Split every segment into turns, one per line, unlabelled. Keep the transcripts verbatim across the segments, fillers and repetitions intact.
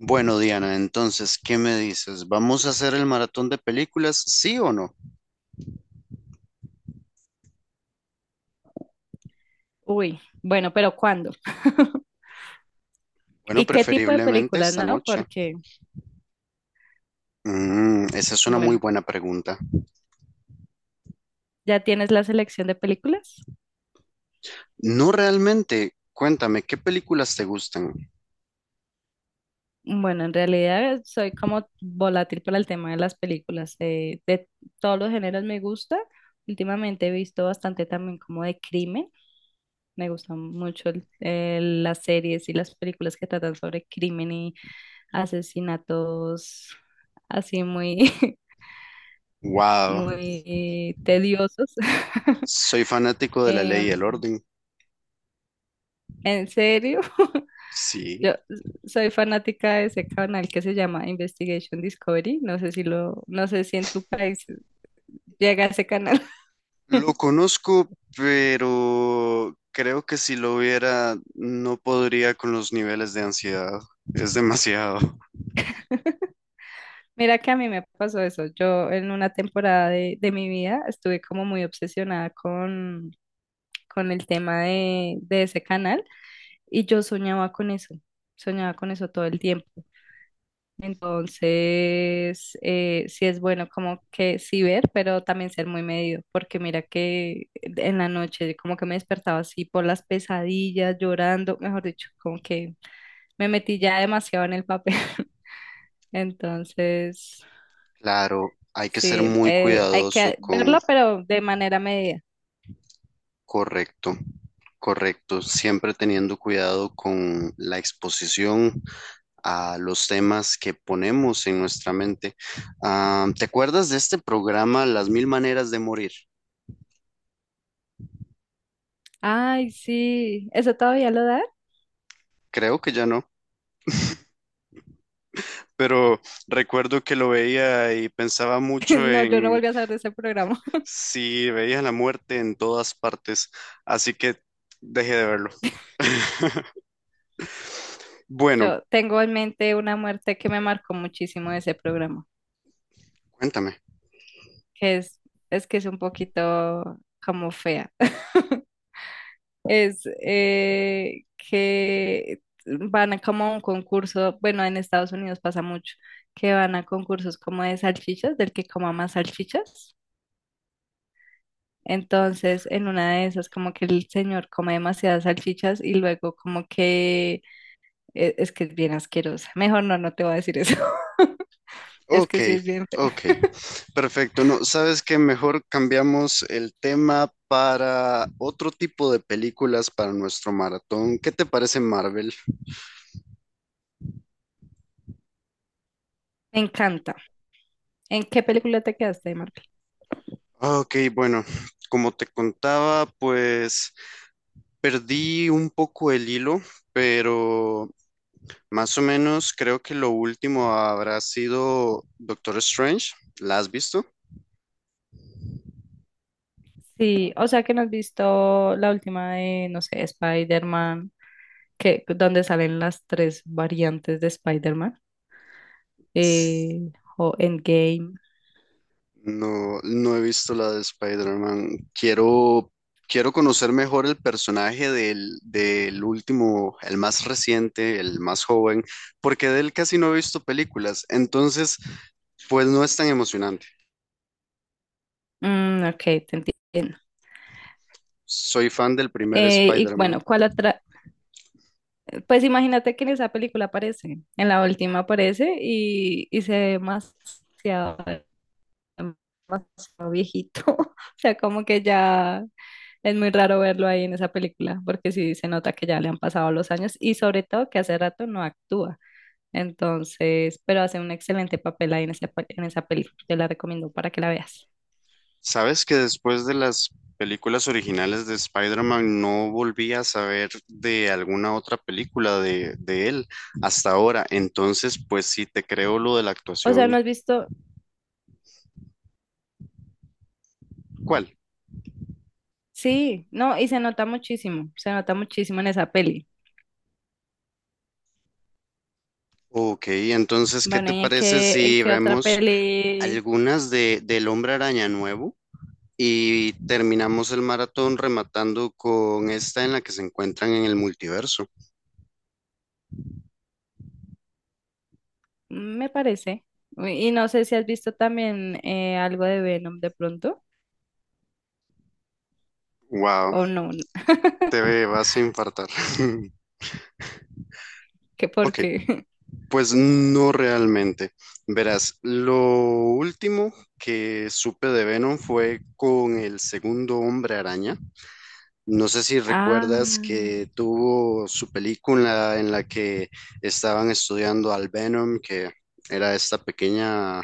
Bueno, Diana, entonces, ¿qué me dices? ¿Vamos a hacer el maratón de películas? ¿Sí o no?
Uy, bueno, pero ¿cuándo?
Bueno,
¿Y qué tipo de
preferiblemente
películas,
esta
no?
noche.
Porque,
Mm, esa es una muy
bueno,
buena pregunta.
¿ya tienes la selección de películas?
No realmente. Cuéntame, ¿qué películas te gustan?
Bueno, en realidad soy como volátil para el tema de las películas. eh, de todos los géneros me gusta. Últimamente he visto bastante también como de crimen. Me gustan mucho el- eh, las series y las películas que tratan sobre crimen y asesinatos así muy,
Wow,
muy eh, tediosos.
soy fanático de La Ley y el
Em,
Orden.
¿En serio?
Sí.
Yo soy fanática de ese canal que se llama Investigation Discovery. No sé si lo, no sé si en tu país llega ese canal.
Lo conozco, pero creo que si lo viera no podría con los niveles de ansiedad. Es demasiado.
Mira que a mí me pasó eso. Yo en una temporada de, de mi vida estuve como muy obsesionada con, con el tema de, de ese canal y yo soñaba con eso. Soñaba con eso todo el tiempo. Entonces, eh, sí es bueno como que sí ver, pero también ser muy medido, porque mira que en la noche como que me despertaba así por las pesadillas, llorando, mejor dicho, como que me metí ya demasiado en el papel. Entonces,
Claro, hay que ser
sí,
muy
eh, hay
cuidadoso.
que verlo, pero de manera medida.
Correcto, correcto. Siempre teniendo cuidado con la exposición a los temas que ponemos en nuestra mente. Ah, ¿te acuerdas de este programa Las Mil Maneras de Morir?
Ay, sí, ¿eso todavía lo da?
Creo que ya no, pero recuerdo que lo veía y pensaba mucho
No, yo no
en
volví a saber de ese programa.
si veía la muerte en todas partes, así que dejé de verlo. Bueno,
Yo tengo en mente una muerte que me marcó muchísimo de ese programa.
cuéntame.
Que es, es que es un poquito como fea. Es eh, que van a como a un concurso, bueno, en Estados Unidos pasa mucho, que van a concursos como de salchichas, del que coma más salchichas. Entonces, en una de esas, como que el señor come demasiadas salchichas y luego como que eh, es que es bien asquerosa. Mejor no, no te voy a decir eso. Es
Ok,
que sí es bien
ok,
fea.
perfecto. No, sabes que mejor cambiamos el tema para otro tipo de películas para nuestro maratón. ¿Qué te parece Marvel?
Me encanta. ¿En qué película te quedaste, Marco?
Ok, bueno, como te contaba, pues perdí un poco el hilo, pero más o menos creo que lo último habrá sido Doctor Strange. ¿La has visto?
Sí, o sea que no has visto la última de, no sé, Spider-Man, que, donde salen las tres variantes de Spider-Man, eh, o Endgame.
No, no he visto la de Spider-Man. Quiero, quiero conocer mejor el personaje del, del último, el más reciente, el más joven, porque de él Casi no he visto películas. Entonces, pues no es tan emocionante.
Mm, ok, te entiendo.
Soy fan del primer
Eh, y
Spider-Man.
bueno, ¿cuál otra? Pues imagínate que en esa película aparece, en la última aparece y, y se ve demasiado, demasiado viejito. O sea, como que ya es muy raro verlo ahí en esa película, porque sí se nota que ya le han pasado los años y sobre todo que hace rato no actúa. Entonces, pero hace un excelente papel ahí en esa, pe- en esa película. Te la recomiendo para que la veas.
¿Sabes que después de las películas originales de Spider-Man no volví a saber de alguna otra película de, de él hasta ahora? Entonces, pues sí, te creo lo de la
O sea, no
actuación.
has visto,
¿Cuál?
sí, no, y se nota muchísimo, se nota muchísimo en esa peli.
Ok, entonces, ¿qué
Bueno,
te
¿y en
parece
qué, en
si
qué otra
vemos
peli
algunas de del Hombre Araña nuevo y terminamos el maratón rematando con esta en la que se encuentran en el multiverso?
me parece? Y no sé si has visto también eh, algo de Venom de pronto,
Wow,
o no.
te vas a infartar.
¿Qué
Ok,
porque?
pues no realmente. Verás, lo último que supe de Venom fue con el segundo Hombre Araña. No sé si recuerdas
Ah,
que tuvo su película en la que estaban estudiando al Venom, que era esta pequeña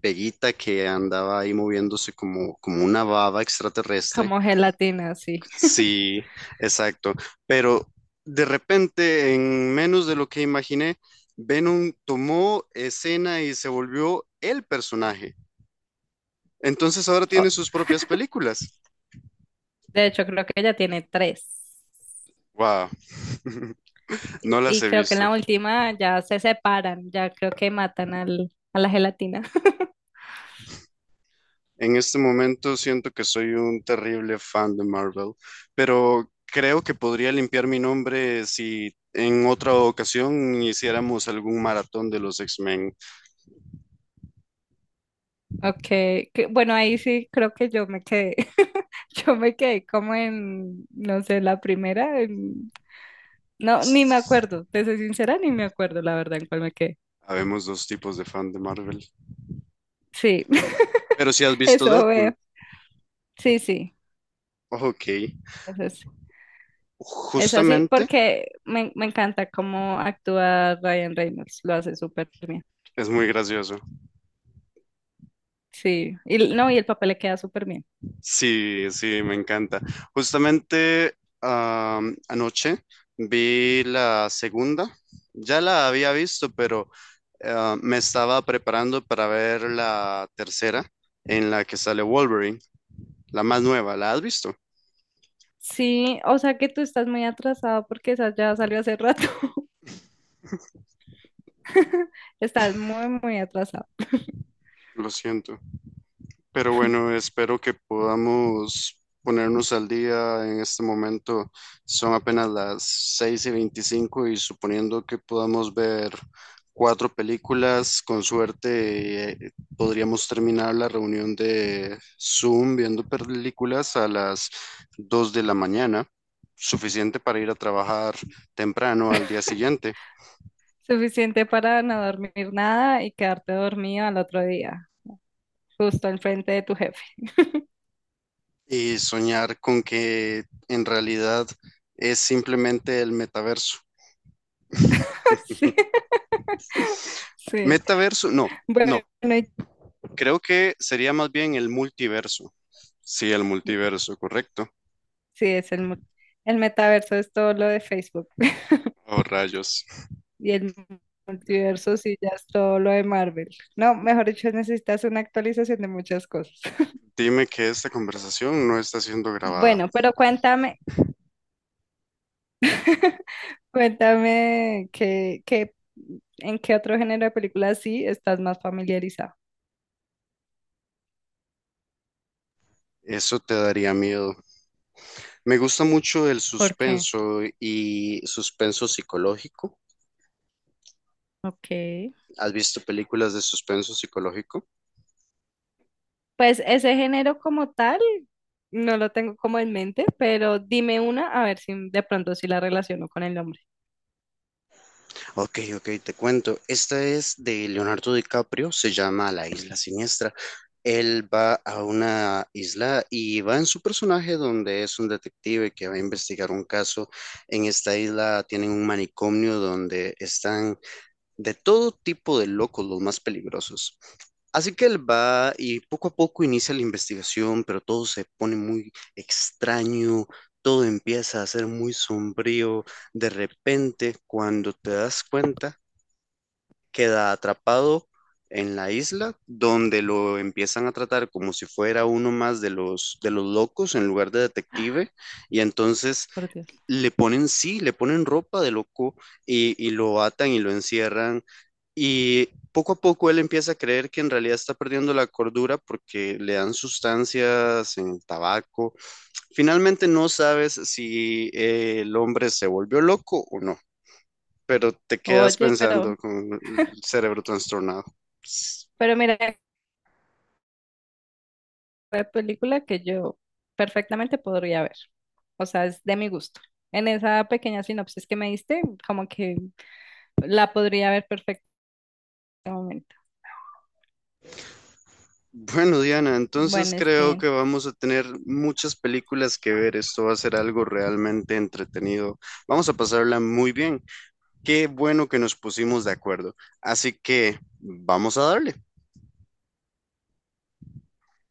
peguita que andaba ahí moviéndose como, como una baba extraterrestre.
como gelatina, sí.
Sí, exacto. Pero de repente, en menos de lo que imaginé, Venom tomó escena y se volvió el personaje. Entonces ahora
Oh,
tiene sus propias películas.
de hecho, creo que ya tiene tres.
Wow, no las
Y
he
creo que en
visto.
la última ya se separan, ya creo que matan al, a la gelatina.
En este momento siento que soy un terrible fan de Marvel, pero creo que podría limpiar mi nombre si en otra ocasión hiciéramos algún maratón de los X-Men.
Ok, que- bueno, ahí sí creo que yo me quedé. Yo me quedé como en, no sé, la primera. No, ni me acuerdo, te soy sincera, ni me acuerdo la verdad en cuál me quedé.
Habemos dos tipos de fan de Marvel.
Sí,
Pero si has visto
eso veo.
Deadpool,
Sí, sí,
ok,
eso es. Es así
justamente
porque me, me encanta cómo actúa Ryan Reynolds, lo hace súper bien.
es muy gracioso.
Sí, y l- no, y el papel le queda súper bien.
Sí, sí, me encanta. Justamente am, anoche vi la segunda, ya la había visto, pero ah, me estaba preparando para ver la tercera en la que sale Wolverine, la más nueva. ¿La has visto?
Sí, o sea que tú estás muy atrasado porque esa ya salió hace rato. Estás muy, muy atrasado.
Lo siento. Pero bueno, espero que podamos ponernos al día en este momento. Son apenas las seis y veinticinco y suponiendo que podamos ver cuatro películas, con suerte eh, podríamos terminar la reunión de Zoom viendo películas a las dos de la mañana, suficiente para ir a trabajar temprano al día siguiente
Suficiente para no dormir nada y quedarte dormido al otro día, justo enfrente de tu jefe.
y soñar con que en realidad es simplemente el metaverso.
Sí, sí.
Metaverso, no,
Bueno,
no. Creo que sería más bien el multiverso. Sí, el multiverso, correcto.
sí, es el, mu- el metaverso es todo lo de Facebook
Oh, rayos.
y el multiverso sí ya es todo lo de Marvel. No, mejor dicho, necesitas una actualización de muchas cosas.
Dime que esta conversación no está siendo grabada.
Bueno, pero cuéntame, cuéntame qué, qué, en qué otro género de películas sí estás más familiarizado.
Eso te daría miedo. Me gusta mucho el
¿Por qué?
suspenso y suspenso psicológico.
Ok.
¿Has visto películas de suspenso psicológico?
Pues ese género como tal no lo tengo como en mente, pero dime una a ver si de pronto sí la relaciono con el nombre.
Ok, ok, te cuento. Esta es de Leonardo DiCaprio, se llama La Isla Siniestra. Él va a una isla y va en su personaje donde es un detective que va a investigar un caso. En esta isla tienen un manicomio donde están de todo tipo de locos, los más peligrosos. Así que él va y poco a poco inicia la investigación, pero todo se pone muy extraño. Todo empieza a ser muy sombrío. De repente, cuando te das cuenta, queda atrapado en la isla, donde lo empiezan a tratar como si fuera uno más de los, de los locos en lugar de detective, y entonces
Por Dios.
le ponen, sí, le ponen ropa de loco y, y lo atan y lo encierran, y poco a poco él empieza a creer que en realidad está perdiendo la cordura porque le dan sustancias en el tabaco. Finalmente no sabes si eh, el hombre se volvió loco o no, pero te quedas
Oye,
pensando
pero,
con el cerebro trastornado.
pero mira de película que yo perfectamente podría ver. O sea, es de mi gusto. En esa pequeña sinopsis que me diste, como que la podría ver perfectamente.
Bueno, Diana, entonces
Bueno,
creo
este,
que vamos a tener muchas películas que ver. Esto va a ser algo realmente entretenido. Vamos a pasarla muy bien. Qué bueno que nos pusimos de acuerdo. Así que vamos a darle.